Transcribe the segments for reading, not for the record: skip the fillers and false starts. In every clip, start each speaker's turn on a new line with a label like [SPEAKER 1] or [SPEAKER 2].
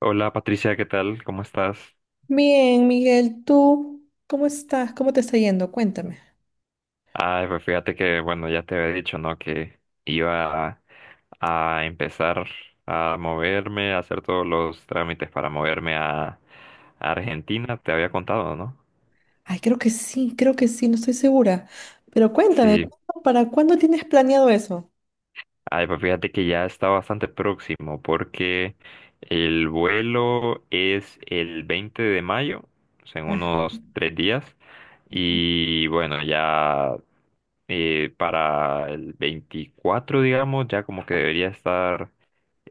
[SPEAKER 1] Hola Patricia, ¿qué tal? ¿Cómo estás?
[SPEAKER 2] Bien, Miguel, ¿tú cómo estás? ¿Cómo te está yendo? Cuéntame.
[SPEAKER 1] Ay, pues fíjate que, bueno, ya te había dicho, ¿no? Que iba a empezar a moverme, a hacer todos los trámites para moverme a Argentina, te había contado, ¿no?
[SPEAKER 2] Ay, creo que sí, no estoy segura. Pero cuéntame,
[SPEAKER 1] Sí,
[SPEAKER 2] ¿para cuándo tienes planeado eso?
[SPEAKER 1] ay, pues fíjate que ya está bastante próximo porque el vuelo es el 20 de mayo, o sea, en
[SPEAKER 2] Ah,
[SPEAKER 1] unos 3 días, y bueno, ya... para el 24 digamos, ya como que debería estar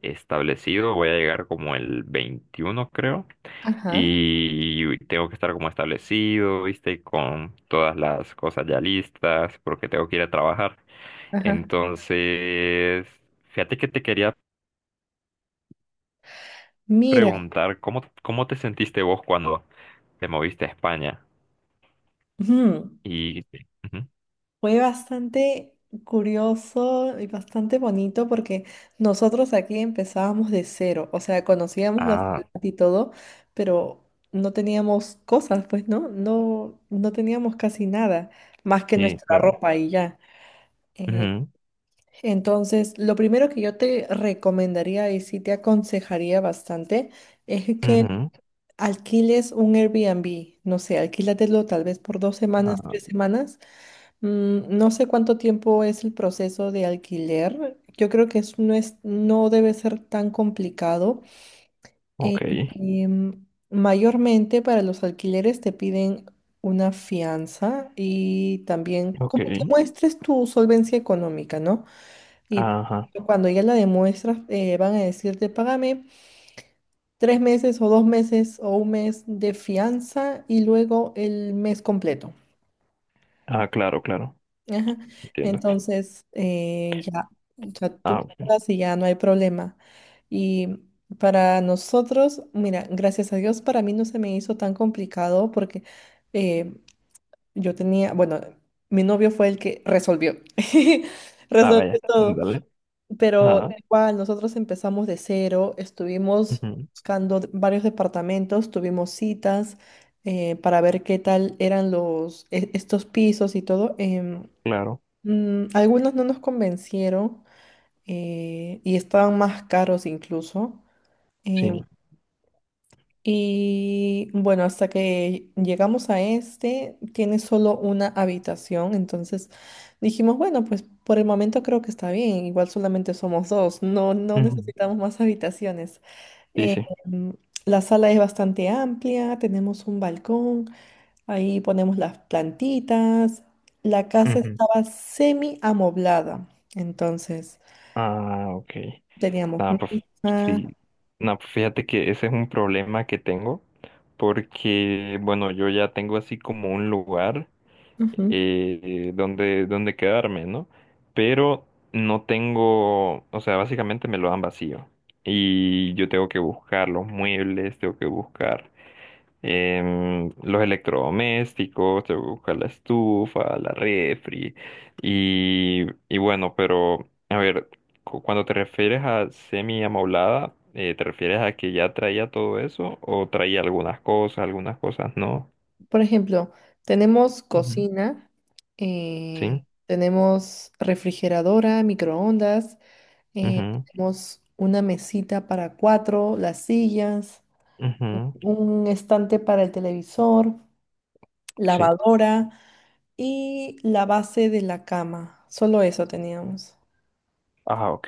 [SPEAKER 1] establecido. Voy a llegar como el 21 creo.
[SPEAKER 2] ajá,
[SPEAKER 1] Y tengo que estar como establecido, ¿viste? Con todas las cosas ya listas, porque tengo que ir a trabajar.
[SPEAKER 2] ajá.
[SPEAKER 1] Entonces, fíjate que te quería
[SPEAKER 2] Mira,
[SPEAKER 1] preguntar, ¿cómo te sentiste vos cuando te moviste a España?
[SPEAKER 2] ujú.
[SPEAKER 1] Y... Ujú.
[SPEAKER 2] Fue bastante curioso y bastante bonito porque nosotros aquí empezábamos de cero, o sea, conocíamos la ciudad
[SPEAKER 1] Ah,
[SPEAKER 2] y todo, pero no teníamos cosas, pues, ¿no? No, no teníamos casi nada, más que
[SPEAKER 1] sí,
[SPEAKER 2] nuestra
[SPEAKER 1] claro.
[SPEAKER 2] ropa y ya.
[SPEAKER 1] Ujú,
[SPEAKER 2] Entonces, lo primero que yo te recomendaría y sí te aconsejaría bastante es que
[SPEAKER 1] ujú.
[SPEAKER 2] alquiles un Airbnb. No sé, alquílatelo tal vez por dos semanas,
[SPEAKER 1] Ah,
[SPEAKER 2] tres semanas. No sé cuánto tiempo es el proceso de alquiler. Yo creo que no debe ser tan complicado. Eh,
[SPEAKER 1] ok,
[SPEAKER 2] em, mayormente para los alquileres te piden una fianza y también como que
[SPEAKER 1] ok.
[SPEAKER 2] muestres tu solvencia económica, ¿no? Y
[SPEAKER 1] Ajá.
[SPEAKER 2] cuando ya la demuestras, van a decirte, págame tres meses o dos meses o un mes de fianza y luego el mes completo.
[SPEAKER 1] Ah, claro, claro.
[SPEAKER 2] Ajá.
[SPEAKER 1] Entiendo.
[SPEAKER 2] Entonces, ya, o sea,
[SPEAKER 1] Ah,
[SPEAKER 2] tú
[SPEAKER 1] ok.
[SPEAKER 2] pagas y ya no hay problema. Y para nosotros, mira, gracias a Dios, para mí no se me hizo tan complicado porque eh, yo tenía, bueno, mi novio fue el que resolvió.
[SPEAKER 1] Ah,
[SPEAKER 2] Resolvió
[SPEAKER 1] vaya.
[SPEAKER 2] todo.
[SPEAKER 1] Dale.
[SPEAKER 2] Pero
[SPEAKER 1] Ah,
[SPEAKER 2] igual, nosotros empezamos de cero, estuvimos
[SPEAKER 1] ujú.
[SPEAKER 2] varios departamentos, tuvimos citas para ver qué tal eran estos pisos y todo.
[SPEAKER 1] Claro.
[SPEAKER 2] Algunos no nos convencieron, y estaban más caros incluso. em,
[SPEAKER 1] Sí,
[SPEAKER 2] y bueno, hasta que llegamos a este, tiene solo una habitación, entonces dijimos, bueno, pues por el momento creo que está bien, igual solamente somos dos, no, no
[SPEAKER 1] ujú.
[SPEAKER 2] necesitamos más habitaciones.
[SPEAKER 1] Sí,
[SPEAKER 2] Eh,
[SPEAKER 1] sí,
[SPEAKER 2] mm, la sala es bastante amplia, tenemos un balcón, ahí ponemos las plantitas, la casa
[SPEAKER 1] ujú.
[SPEAKER 2] estaba semi amoblada, entonces
[SPEAKER 1] Ah, ok.
[SPEAKER 2] teníamos
[SPEAKER 1] Nada, pues
[SPEAKER 2] mesa.
[SPEAKER 1] sí. Nada, pues fíjate que ese es un problema que tengo porque, bueno, yo ya tengo así como un lugar donde quedarme, ¿no? Pero no tengo, o sea, básicamente me lo dan vacío y yo tengo que buscar los muebles, tengo que buscar. Los electrodomésticos, te busca la estufa, la refri y bueno, pero a ver, cuando te refieres a semi amoblada, ¿te refieres a que ya traía todo eso o traía algunas cosas no?
[SPEAKER 2] Por ejemplo, tenemos
[SPEAKER 1] Ujú.
[SPEAKER 2] cocina, eh,
[SPEAKER 1] Sí,
[SPEAKER 2] tenemos refrigeradora, microondas, eh,
[SPEAKER 1] mhm,
[SPEAKER 2] tenemos una mesita para cuatro, las sillas,
[SPEAKER 1] mhm,
[SPEAKER 2] un estante para el televisor,
[SPEAKER 1] sí,
[SPEAKER 2] lavadora y la base de la cama. Solo eso teníamos.
[SPEAKER 1] ah, ok,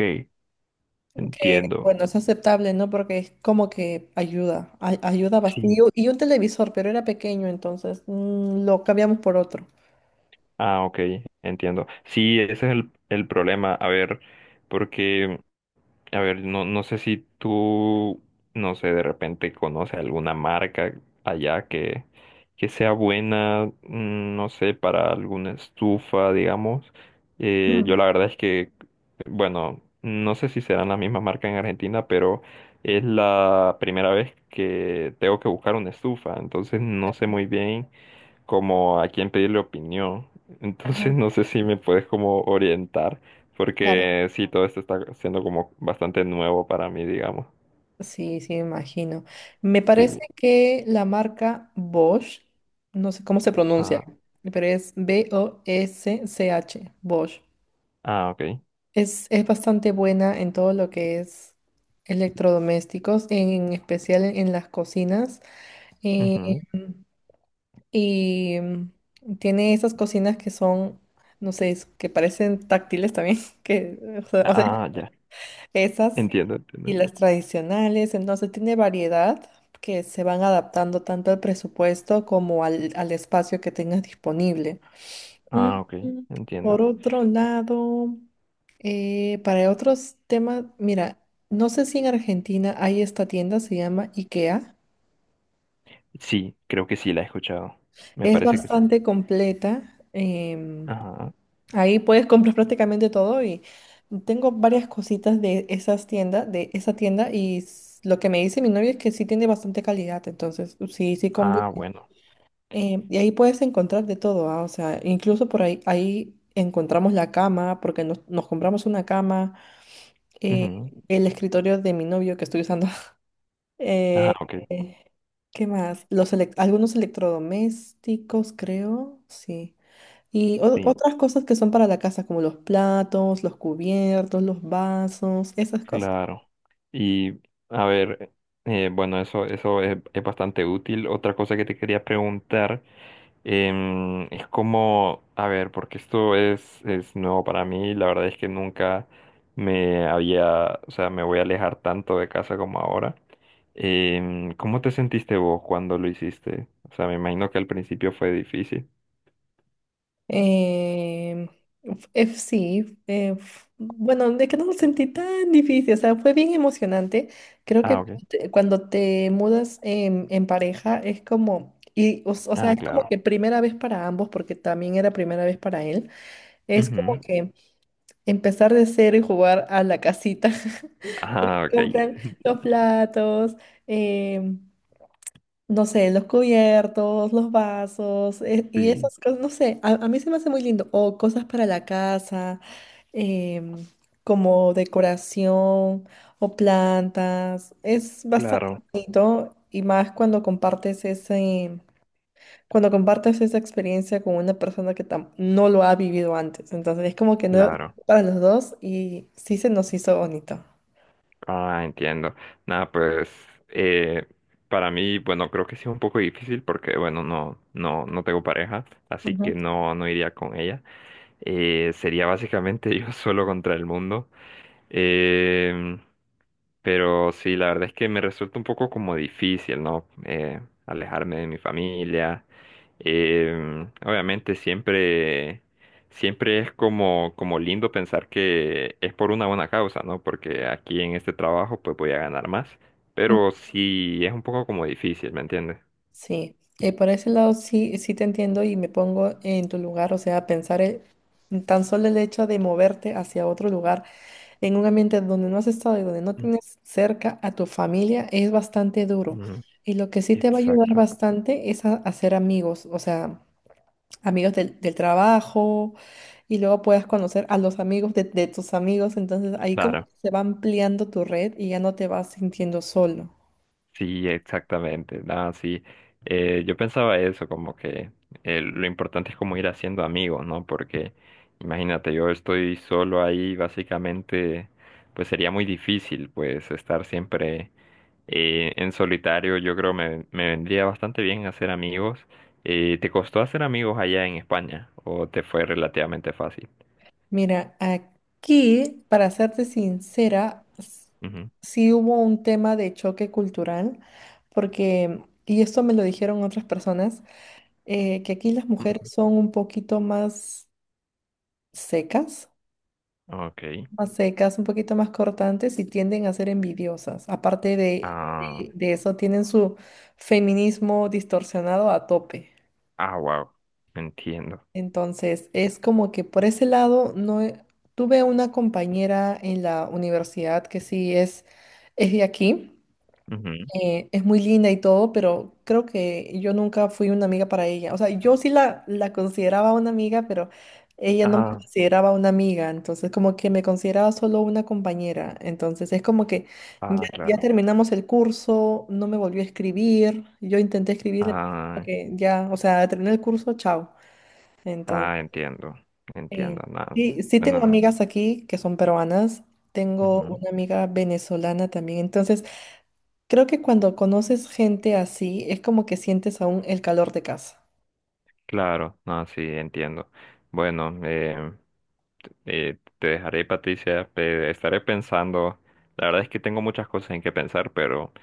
[SPEAKER 2] Que
[SPEAKER 1] entiendo,
[SPEAKER 2] bueno, es aceptable, ¿no? Porque es como que ayuda bastante.
[SPEAKER 1] sí,
[SPEAKER 2] Y un televisor, pero era pequeño, entonces lo cambiamos por otro.
[SPEAKER 1] ah, ok, entiendo, sí, ese es el problema, a ver, porque a ver, no, no sé si tú, no sé, de repente conoces alguna marca allá que sea buena, no sé, para alguna estufa, digamos. Yo la verdad es que, bueno, no sé si serán la misma marca en Argentina, pero es la primera vez que tengo que buscar una estufa, entonces no sé muy bien como a quién pedirle opinión. Entonces no sé si me puedes como orientar,
[SPEAKER 2] Claro.
[SPEAKER 1] porque sí, todo esto está siendo como bastante nuevo para mí, digamos.
[SPEAKER 2] Sí, sí, me imagino. Me parece
[SPEAKER 1] Sí.
[SPEAKER 2] que la marca Bosch, no sé cómo se pronuncia,
[SPEAKER 1] Ah,
[SPEAKER 2] pero es Bosch, Bosch.
[SPEAKER 1] ah, ok.
[SPEAKER 2] Es bastante buena en todo lo que es electrodomésticos, en especial en las cocinas. Eh,
[SPEAKER 1] Ujú.
[SPEAKER 2] y tiene esas cocinas que son, no sé, que parecen táctiles también, que, o sea,
[SPEAKER 1] Ah, ah, ya.
[SPEAKER 2] esas
[SPEAKER 1] Entiendo,
[SPEAKER 2] y
[SPEAKER 1] entiendo.
[SPEAKER 2] las tradicionales, entonces tiene variedad que se van adaptando tanto al presupuesto como al, al espacio que tengas disponible. Mm,
[SPEAKER 1] Ah, ok,
[SPEAKER 2] Por
[SPEAKER 1] entiendo.
[SPEAKER 2] otro lado, para otros temas, mira, no sé si en Argentina hay esta tienda, se llama IKEA.
[SPEAKER 1] Sí, creo que sí la he escuchado. Me
[SPEAKER 2] Es
[SPEAKER 1] parece que sí.
[SPEAKER 2] bastante completa.
[SPEAKER 1] Ajá.
[SPEAKER 2] Ahí puedes comprar prácticamente todo y tengo varias cositas de esas tiendas, de esa tienda y lo que me dice mi novio es que sí tiene bastante calidad, entonces sí, sí conviene.
[SPEAKER 1] Ah, bueno.
[SPEAKER 2] Y ahí puedes encontrar de todo, ah, o sea, incluso por ahí, ahí encontramos la cama, porque nos, nos compramos una cama, eh,
[SPEAKER 1] Ujú.
[SPEAKER 2] el escritorio de mi novio que estoy usando. eh,
[SPEAKER 1] Ah, ok.
[SPEAKER 2] eh, ¿qué más? Algunos electrodomésticos, creo, sí. Y
[SPEAKER 1] Sí,
[SPEAKER 2] otras cosas que son para la casa, como los platos, los cubiertos, los vasos, esas cosas.
[SPEAKER 1] claro. Y a ver, bueno, eso es bastante útil. Otra cosa que te quería preguntar. Es como, a ver, porque esto es nuevo para mí, la verdad es que nunca me había, o sea, me voy a alejar tanto de casa como ahora. ¿Cómo te sentiste vos cuando lo hiciste? O sea, me imagino que al principio fue difícil.
[SPEAKER 2] Em, sí, bueno, de que no lo sentí tan difícil, o sea, fue bien emocionante. Creo
[SPEAKER 1] Ah,
[SPEAKER 2] que
[SPEAKER 1] ok.
[SPEAKER 2] cuando te mudas en pareja es como, o sea,
[SPEAKER 1] Ah,
[SPEAKER 2] es como
[SPEAKER 1] claro.
[SPEAKER 2] que primera vez para ambos, porque también era primera vez para él, es como
[SPEAKER 1] Ujú.
[SPEAKER 2] que empezar de cero y jugar a la casita, porque
[SPEAKER 1] Ah, ok.
[SPEAKER 2] compran los platos. em, no sé, los cubiertos, los vasos, y
[SPEAKER 1] Sí,
[SPEAKER 2] esas cosas, no sé, a mí se me hace muy lindo. O cosas para la casa, em, como decoración o plantas. Es bastante
[SPEAKER 1] claro,
[SPEAKER 2] bonito y más cuando compartes ese, cuando compartes esa experiencia con una persona que no lo ha vivido antes. Entonces es como que no
[SPEAKER 1] claro.
[SPEAKER 2] para los dos y sí se nos hizo bonito.
[SPEAKER 1] Ah, entiendo. Nada, pues eh, para mí, bueno, creo que sí es un poco difícil porque, bueno, no tengo pareja, así que
[SPEAKER 2] Ujú.
[SPEAKER 1] no iría con ella. Sería básicamente yo solo contra el mundo. Em, pero sí, la verdad es que me resulta un poco como difícil, ¿no? Alejarme de mi familia. Obviamente siempre es como, como lindo pensar que es por una buena causa, ¿no? Porque aquí en este trabajo pues voy a ganar más. Pero sí es un poco como difícil, ¿me entiendes?
[SPEAKER 2] Sí, por ese lado sí, sí te entiendo y me pongo en tu lugar, o sea, pensar, tan solo el hecho de moverte hacia otro lugar, en un ambiente donde no has estado y donde no tienes cerca a tu familia, es bastante duro.
[SPEAKER 1] Ujú,
[SPEAKER 2] Y lo que sí te va a ayudar
[SPEAKER 1] exacto.
[SPEAKER 2] bastante es a hacer amigos, o sea, amigos del, del trabajo y luego puedas conocer a los amigos de tus amigos, entonces ahí como que
[SPEAKER 1] Claro.
[SPEAKER 2] se va ampliando tu red y ya no te vas sintiendo solo.
[SPEAKER 1] Sí, exactamente. Nada, sí. Yo pensaba eso, como que lo importante es como ir haciendo amigos, ¿no? Porque imagínate, yo estoy solo ahí, básicamente, pues sería muy difícil, pues, estar siempre en solitario. Yo creo me vendría bastante bien hacer amigos. ¿Te costó hacer amigos allá en España o te fue relativamente fácil?
[SPEAKER 2] Mira, aquí, para serte sincera,
[SPEAKER 1] Ujú.
[SPEAKER 2] sí hubo un tema de choque cultural, porque, y esto me lo dijeron otras personas, que aquí las mujeres
[SPEAKER 1] Ujú.
[SPEAKER 2] son un poquito secas,
[SPEAKER 1] Ok.
[SPEAKER 2] más secas, un poquito más cortantes y tienden a ser envidiosas. Aparte de,
[SPEAKER 1] Ah,
[SPEAKER 2] de eso, tienen su feminismo distorsionado a tope.
[SPEAKER 1] ah, wow. Entiendo.
[SPEAKER 2] Entonces, es como que por ese lado no he- tuve una compañera en la universidad que sí es de aquí,
[SPEAKER 1] Ujú.
[SPEAKER 2] es muy linda y todo, pero creo que yo nunca fui una amiga para ella. O sea, yo sí la consideraba una amiga, pero ella no me
[SPEAKER 1] Ah,
[SPEAKER 2] consideraba una amiga, entonces como que me consideraba solo una compañera. Entonces, es como que ya,
[SPEAKER 1] ah,
[SPEAKER 2] ya
[SPEAKER 1] claro.
[SPEAKER 2] terminamos el curso, no me volvió a escribir, yo intenté escribirle, pero como
[SPEAKER 1] Ah,
[SPEAKER 2] que ya, o sea, terminé el curso, chao.
[SPEAKER 1] ah,
[SPEAKER 2] Entonces...
[SPEAKER 1] entiendo,
[SPEAKER 2] Eh,
[SPEAKER 1] entiendo, nada,
[SPEAKER 2] sí, sí tengo
[SPEAKER 1] bueno,
[SPEAKER 2] amigas aquí que son peruanas, tengo
[SPEAKER 1] ujú,
[SPEAKER 2] una amiga venezolana también, entonces creo que cuando conoces gente así es como que sientes aún el calor de casa.
[SPEAKER 1] claro, no, sí, entiendo. Bueno, te dejaré, Patricia, estaré pensando, la verdad es que tengo muchas cosas en que pensar, pero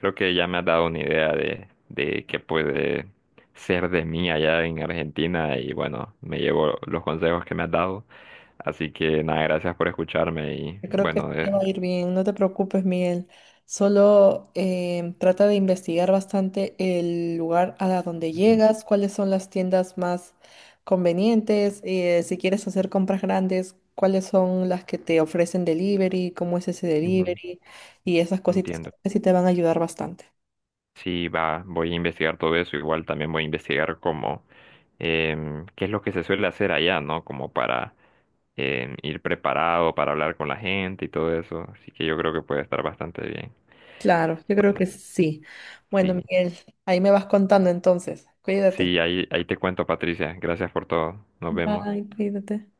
[SPEAKER 1] creo que ya me has dado una idea de qué puede ser de mí allá en Argentina y bueno, me llevo los consejos que me has dado, así que nada, gracias por escucharme y
[SPEAKER 2] Yo creo que
[SPEAKER 1] bueno,
[SPEAKER 2] te va a ir bien, no te preocupes, Miguel. Solo trata de investigar bastante el lugar a donde
[SPEAKER 1] ujú,
[SPEAKER 2] llegas, cuáles son las tiendas más convenientes, si quieres hacer compras grandes, cuáles son las que te ofrecen delivery, cómo es ese
[SPEAKER 1] ujú,
[SPEAKER 2] delivery y esas cositas
[SPEAKER 1] entiendo.
[SPEAKER 2] que sí te van a ayudar bastante.
[SPEAKER 1] Sí, voy a investigar todo eso. Igual también voy a investigar cómo, qué es lo que se suele hacer allá, ¿no? Como para ir preparado, para hablar con la gente y todo eso. Así que yo creo que puede estar bastante bien.
[SPEAKER 2] Claro, yo creo
[SPEAKER 1] Bueno,
[SPEAKER 2] que sí. Bueno,
[SPEAKER 1] sí,
[SPEAKER 2] Miguel, ahí me vas contando entonces. Cuídate.
[SPEAKER 1] ahí te cuento, Patricia. Gracias por todo. Nos vemos.
[SPEAKER 2] Bye, cuídate.